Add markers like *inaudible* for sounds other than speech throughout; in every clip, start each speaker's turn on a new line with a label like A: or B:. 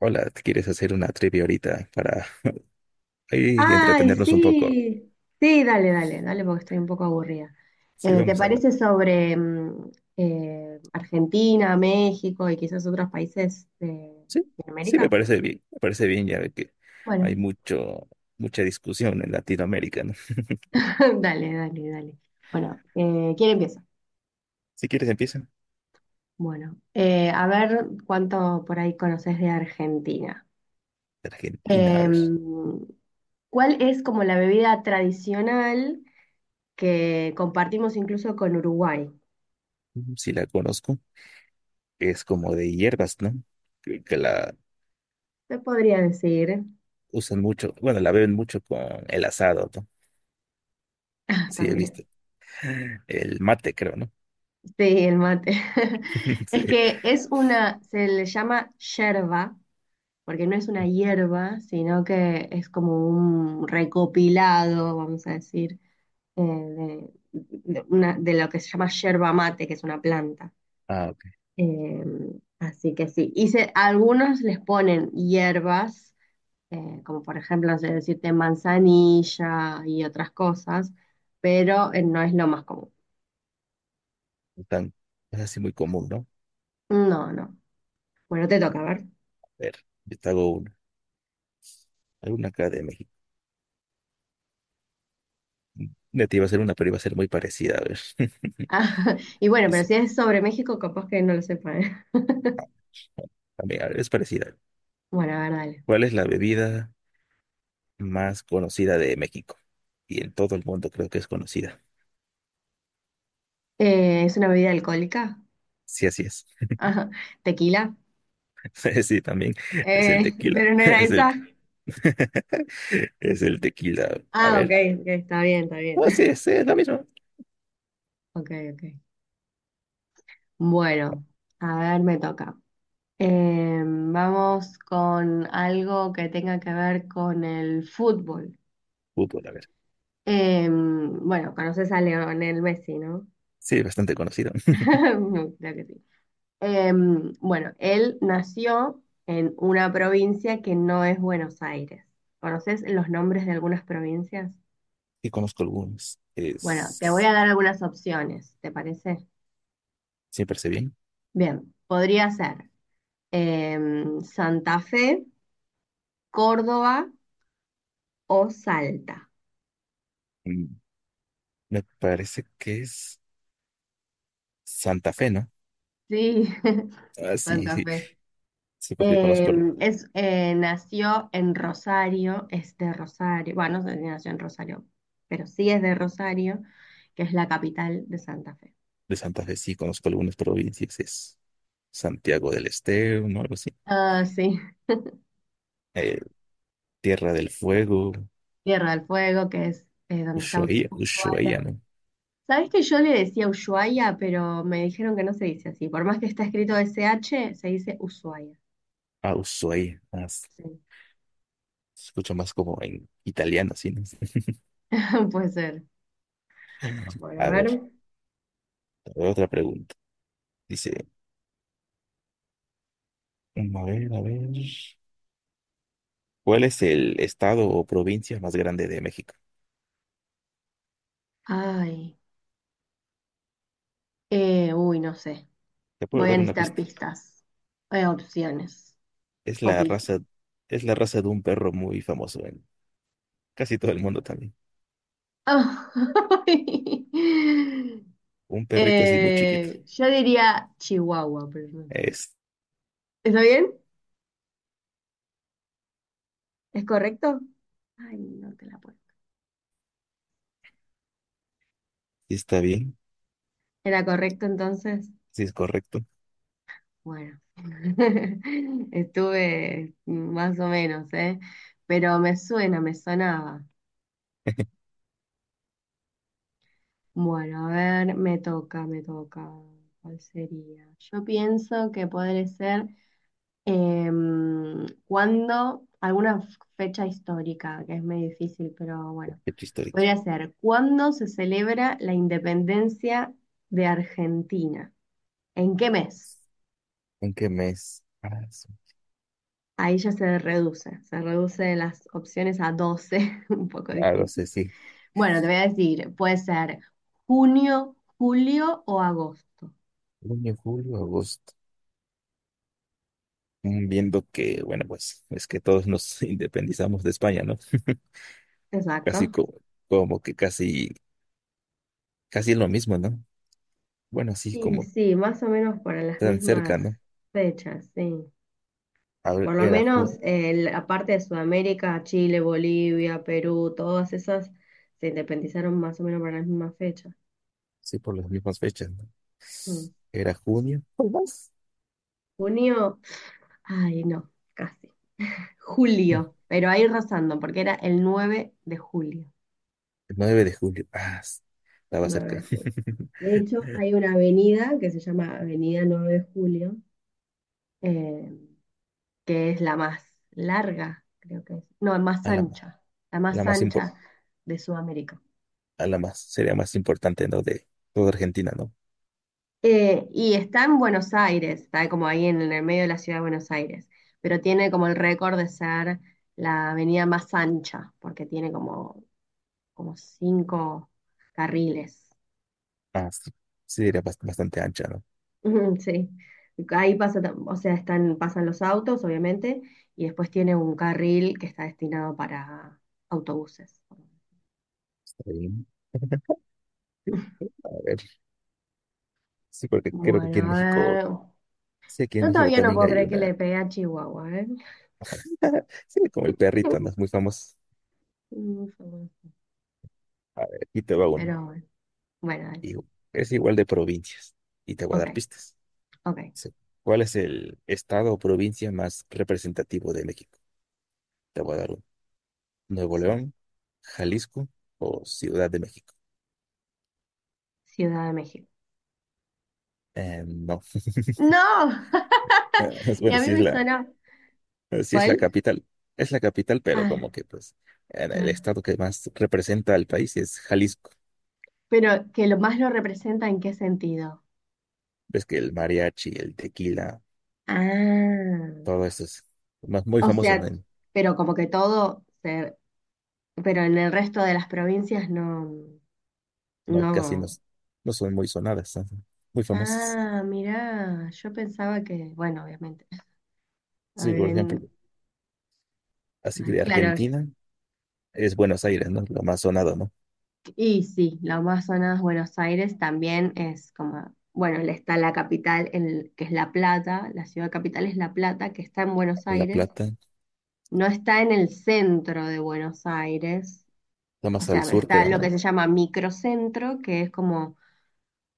A: hola, ¿quieres hacer una trivia ahorita para ahí
B: Ay,
A: entretenernos un poco?
B: sí, sí, dale, dale, dale, porque estoy un poco aburrida.
A: Sí,
B: ¿Te
A: vamos a...
B: parece sobre Argentina, México y quizás otros países de
A: Sí, sí,
B: Latinoamérica?
A: me parece bien, ya ve que
B: Bueno,
A: hay mucha discusión en Latinoamérica, ¿no?
B: *laughs* dale, dale, dale. Bueno, ¿quién empieza?
A: Si quieres empieza.
B: Bueno, a ver cuánto por ahí conoces de Argentina.
A: Argentina, a ver,
B: Em, ¿Cuál es como la bebida tradicional que compartimos incluso con Uruguay?
A: mm, si la conozco, es como de hierbas, ¿no? Que la
B: Te podría decir
A: usan mucho, bueno, la beben mucho con el asado, ¿no?
B: *laughs*
A: Sí, he
B: también.
A: visto. El mate, creo, ¿no?
B: Sí, el mate. *laughs*
A: *laughs*
B: Es
A: Sí.
B: que es una, se le llama yerba, porque no es una hierba, sino que es como un recopilado, vamos a decir, de lo que se llama yerba mate, que es una planta.
A: Ah, ok.
B: Eh, Así que sí. Y a algunos les ponen hierbas, como por ejemplo, no sé decirte manzanilla y otras cosas, pero no es lo más común.
A: No Tan, es así muy común, ¿no?
B: No, no. Bueno, te toca, a ver.
A: A ver, yo te hago una, alguna acá de México. Ya te iba a hacer una, pero iba a ser muy parecida. A ver. *laughs*
B: Ah, *laughs* y bueno, pero
A: Dice,
B: si es sobre México, capaz que no lo sepa, ¿eh?
A: también, a ver, es parecida.
B: *laughs* Bueno, a ver, dale.
A: ¿Cuál es la bebida más conocida de México? Y en todo el mundo creo que es conocida.
B: ¿Es una bebida alcohólica?
A: Sí, así es.
B: Ajá, tequila.
A: *laughs* Sí, también es el
B: *laughs*
A: tequila.
B: Pero no
A: *laughs*
B: era
A: Es el,
B: esa.
A: *laughs* es el tequila. A
B: Ah, ok,
A: ver.
B: ok, está bien, está bien.
A: Oh, sí,
B: *laughs*
A: sí, es la misma.
B: Ok, ok. Bueno, a ver, me toca. Vamos con algo que tenga que ver con el fútbol.
A: Fútbol, a ver.
B: Bueno, conoces a Lionel Messi, ¿no?
A: Sí, bastante conocido.
B: *laughs*
A: *laughs*
B: No, creo que sí. Bueno, él nació en una provincia que no es Buenos Aires. ¿Conoces los nombres de algunas provincias?
A: Y conozco algunos.
B: Bueno, te voy
A: Es.
B: a dar algunas opciones, ¿te parece?
A: Sí, parece bien.
B: Bien, podría ser Santa Fe, Córdoba o Salta.
A: Mm, me parece que es Santa Fe, ¿no?
B: Sí, *laughs*
A: Ah, sí, *laughs*
B: Santa
A: sí,
B: Fe.
A: sí, porque conozco.
B: Nació en Rosario, es de Rosario, bueno, no sé si nació en Rosario, pero sí es de Rosario, que es la capital de Santa Fe.
A: De Santa Fe sí conozco algunas provincias, es Santiago del Estero, ¿no? Algo así.
B: Ah, sí,
A: Eh, Tierra del Fuego,
B: Tierra del Fuego, que es donde está Us-
A: Ushuaia, Ushuaia,
B: Ushuaia.
A: ¿no?
B: ¿Sabés que yo le decía Ushuaia, pero me dijeron que no se dice así? Por más que está escrito SH, se dice Ushuaia.
A: Ah, Ushuaia, más.
B: Sí,
A: Se escucha más como en italiano, así, ¿no? *laughs*
B: *laughs* puede ser. Bueno, a
A: A
B: ver.
A: ver, otra pregunta. Dice, mm, a ver. ¿Cuál es el estado o provincia más grande de México?
B: Ay, uy, no sé.
A: Te puedo
B: Voy a
A: dar una
B: necesitar
A: pista.
B: pistas, opciones
A: Es
B: o
A: la
B: pistas.
A: raza, es la raza de un perro muy famoso en casi todo el mundo también.
B: *laughs*
A: Un perrito así muy chiquito.
B: Yo diría Chihuahua, pero no sé.
A: Es,
B: ¿Está bien? ¿Es correcto? Ay, no te la puedo.
A: sí está bien,
B: ¿Era correcto entonces?
A: sí es correcto.
B: Bueno, *laughs* estuve más o menos, ¿eh? Pero me suena, me sonaba.
A: *laughs*
B: Bueno, a ver, me toca, me toca. ¿Cuál sería? Yo pienso que podría ser alguna fecha histórica, que es muy difícil, pero bueno,
A: Fecha histórica.
B: podría ser, ¿cuándo se celebra la independencia de Argentina? ¿En qué mes?
A: ¿En qué mes? Ah, sí.
B: Ahí ya se reduce, de las opciones a 12, *laughs* un poco
A: Ah, lo
B: difícil.
A: sé, sí.
B: Bueno, te voy a decir, puede ser junio, julio o agosto.
A: Junio, julio, agosto. Mm, viendo que, bueno, pues es que todos nos *laughs* independizamos de España, ¿no? *laughs* Casi
B: Exacto.
A: como, como que casi, casi es lo mismo, ¿no? Bueno, así
B: Y
A: como
B: sí, más o menos para las
A: tan cerca,
B: mismas
A: ¿no?
B: fechas, sí.
A: A ver,
B: Por lo
A: era julio,
B: menos la parte de Sudamérica, Chile, Bolivia, Perú, todas esas se independizaron más o menos para las mismas fechas.
A: sí, por las mismas fechas, ¿no?
B: Mm.
A: Era junio. ¿Por más?
B: Junio, ay no, casi.
A: *laughs* El
B: Julio, pero ahí rozando, porque era el 9 de julio.
A: 9 de julio. Ah, s- estaba
B: nueve de
A: cerca.
B: julio. De hecho, hay una avenida que se llama Avenida 9 de Julio, eh, que es la más larga, creo que es. No,
A: *laughs*
B: más
A: A la,
B: ancha, la
A: la
B: más
A: más impor-
B: ancha de Sudamérica.
A: a la más, sería más importante, ¿no? De toda Argentina, ¿no?
B: Y está en Buenos Aires, está como ahí en el medio de la ciudad de Buenos Aires, pero tiene como el récord de ser la avenida más ancha, porque tiene como, cinco carriles.
A: Ah, sí, sí, era bast- bastante ancha, ¿no?
B: Ujú, sí, ahí pasa, o sea, están, pasan los autos, obviamente, y después tiene un carril que está destinado para autobuses.
A: Está bien. A ver, sí, porque creo que aquí en
B: Bueno, a
A: México,
B: ver,
A: sí, aquí en
B: yo
A: México
B: todavía no
A: también
B: puedo
A: hay
B: creer que
A: una,
B: le pegué a Chihuahua, ¿eh?
A: *laughs* sí, como el perrito, ¿no? Es muy famoso.
B: Fue bueno.
A: A ver, aquí te va una.
B: Pero bueno, bueno, dale,
A: Y es igual de provincias. Y te voy a
B: ok,
A: dar pistas.
B: ok,
A: Sí. ¿Cuál es el estado o provincia más representativo de México? Te voy a dar uno. ¿Nuevo
B: sí,
A: León, Jalisco o Ciudad de México?
B: Ciudad de México.
A: No. *laughs*
B: ¡No! *laughs* Y
A: Bueno,
B: a mí
A: sí es
B: me
A: la,
B: suena,
A: eh, sí,
B: ¿cuál?
A: es la capital, pero
B: Ah,
A: como que pues en el
B: claro,
A: estado que más representa al país es Jalisco.
B: pero que lo más lo representa en qué sentido.
A: Ves que el mariachi, el tequila,
B: Ah,
A: todo eso es más- muy
B: o
A: famoso,
B: sea,
A: ¿no?
B: pero como que todo se, pero en el resto de las provincias no,
A: No, casi no,
B: no.
A: s- no son muy sonadas, son muy famosas.
B: Ah, mirá, yo pensaba que, bueno, obviamente,
A: Sí, por ejemplo,
B: habían-
A: así
B: ay,
A: de
B: claro,
A: Argentina es Buenos Aires, ¿no? Lo más sonado, ¿no?
B: y sí, la más sonada es Buenos Aires, también es como, bueno, le está la capital, que es La Plata, la ciudad capital es La Plata, que está en Buenos
A: La
B: Aires,
A: Plata,
B: no está en el centro de Buenos Aires,
A: lo
B: o
A: más
B: sea,
A: al sur,
B: está
A: creo,
B: lo que
A: ¿no?
B: se llama microcentro, que es como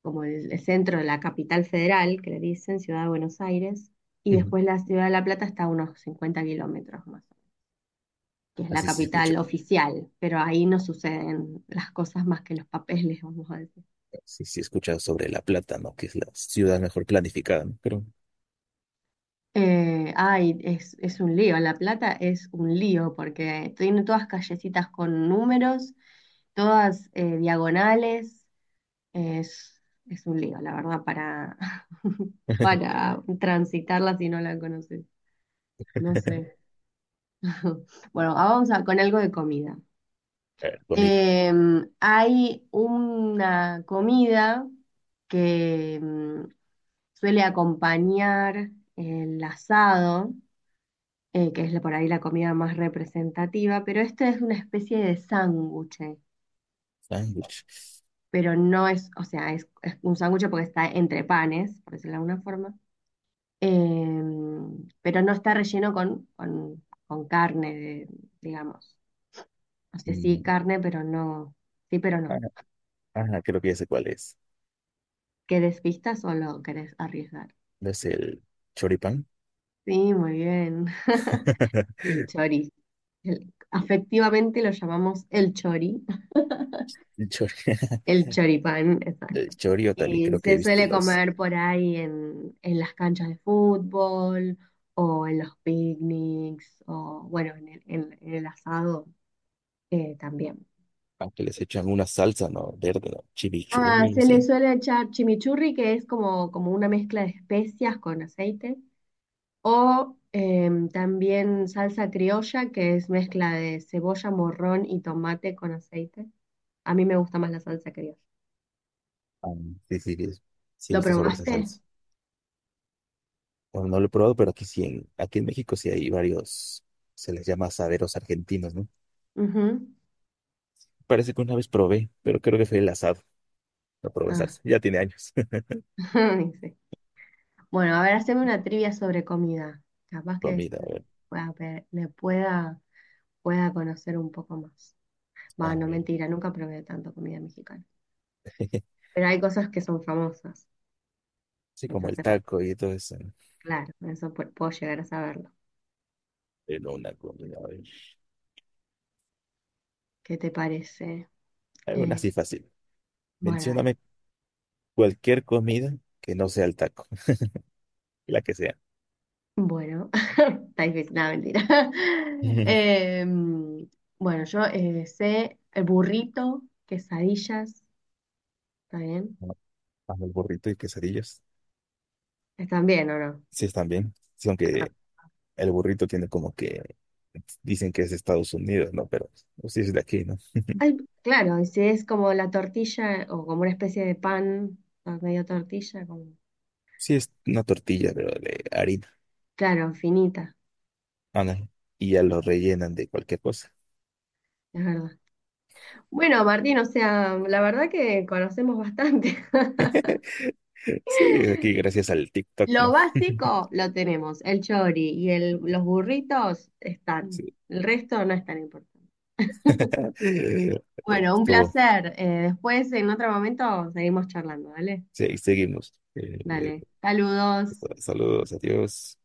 B: el centro de la capital federal, que le dicen Ciudad de Buenos Aires, y
A: Ujú.
B: después la Ciudad de La Plata está a unos 50 kilómetros más, que es la
A: Así se escucha,
B: capital oficial, pero ahí no suceden las cosas más que los papeles, *laughs* vamos a decir.
A: así se escucha sobre La Plata, ¿no? Que es la ciudad mejor planificada, ¿no? Creo.
B: Ay, es un lío, La Plata es un lío porque tiene todas callecitas con números, todas diagonales, es, es un lío, la verdad, para, *laughs*
A: *laughs*
B: para transitarla si no la conoces. No sé. *laughs* Bueno, ahora con algo de comida.
A: A ver, comida,
B: Hay una comida que suele acompañar el asado, que es por ahí la comida más representativa, pero esta es una especie de sándwich,
A: sándwich.
B: pero no es, o sea, es un sándwich porque está entre panes, por decirlo de alguna forma, pero no está relleno con, carne, digamos. O sea, sí, carne, pero no. Sí, pero no.
A: Ajá, creo que ya sé cuál es.
B: ¿Querés pistas o lo querés arriesgar?
A: ¿No es el choripán?
B: Sí, muy bien.
A: *laughs*
B: El chori. Afectivamente lo llamamos el chori.
A: El chori, *laughs*
B: El choripán,
A: el
B: exacto.
A: chori, también
B: Y
A: creo que
B: se
A: he visto
B: suele
A: los,
B: comer por ahí en, las canchas de fútbol o en los picnics o, bueno, en el asado también.
A: aunque les echan una salsa, ¿no? Verde, ¿no? Chimichurri o
B: Ah,
A: algo
B: se le
A: así.
B: suele echar chimichurri, que es como, una mezcla de especias con aceite. O también salsa criolla, que es mezcla de cebolla, morrón y tomate con aceite. A mí me gusta más la salsa criolla.
A: Ah, sí, sí he
B: ¿Lo
A: visto sobre esa
B: probaste?
A: salsa. Bueno, no lo he probado, pero aquí sí, en, aquí en México sí hay varios, se les llama asaderos argentinos, ¿no?
B: Ujú.
A: Parece que una vez probé, pero creo que fue el asado. No probé
B: Ah,
A: salsa, ya tiene años. *laughs*
B: *laughs* sí. Bueno, a ver, haceme una trivia sobre comida. Capaz que
A: Comida,
B: esto
A: a ver,
B: pueda pe- le pueda, pueda conocer un poco más.
A: a
B: Bueno,
A: ver.
B: mentira, nunca probé tanto comida mexicana.
A: *laughs*
B: Pero hay cosas que son famosas.
A: Sí, como el
B: Entonces,
A: taco y todo eso, ¿no?
B: claro, eso puedo llegar a saberlo.
A: Pero una comida, a ver.
B: ¿Qué te parece?
A: Alguna
B: Eh,
A: así fácil.
B: bueno, dale.
A: Mencióname cualquier comida que no sea el taco, *laughs* la que sea.
B: Bueno, *laughs* está difícil, nada, mentira. *laughs*
A: *laughs*
B: Em, bueno, yo sé el burrito, quesadillas, ¿está bien?
A: Amo el burrito y quesadillas.
B: ¿Están bien o no?
A: Sí, están bien. Sí,
B: Ah,
A: aunque el burrito tiene como que dicen que es de Estados Unidos, ¿no? Pero pues, sí es de aquí, ¿no? *laughs*
B: ay, claro, y si es como la tortilla o como una especie de pan, o medio tortilla, como,
A: Sí, es una tortilla, pero de harina.
B: claro, finita,
A: Ah, no. Y ya lo rellenan de cualquier cosa.
B: es verdad. Bueno, Martín, o sea, la verdad que conocemos bastante. *laughs*
A: Sí, es aquí gracias al TikTok,
B: Lo
A: ¿no? *laughs*
B: básico lo tenemos, el chori y los burritos están,
A: Sí.
B: el resto no es tan importante.
A: Eh,
B: Bueno, un
A: estuvo.
B: placer. Después, en otro momento, seguimos charlando, ¿vale?
A: Sí, seguimos.
B: Dale. Saludos.
A: Saludos, adiós.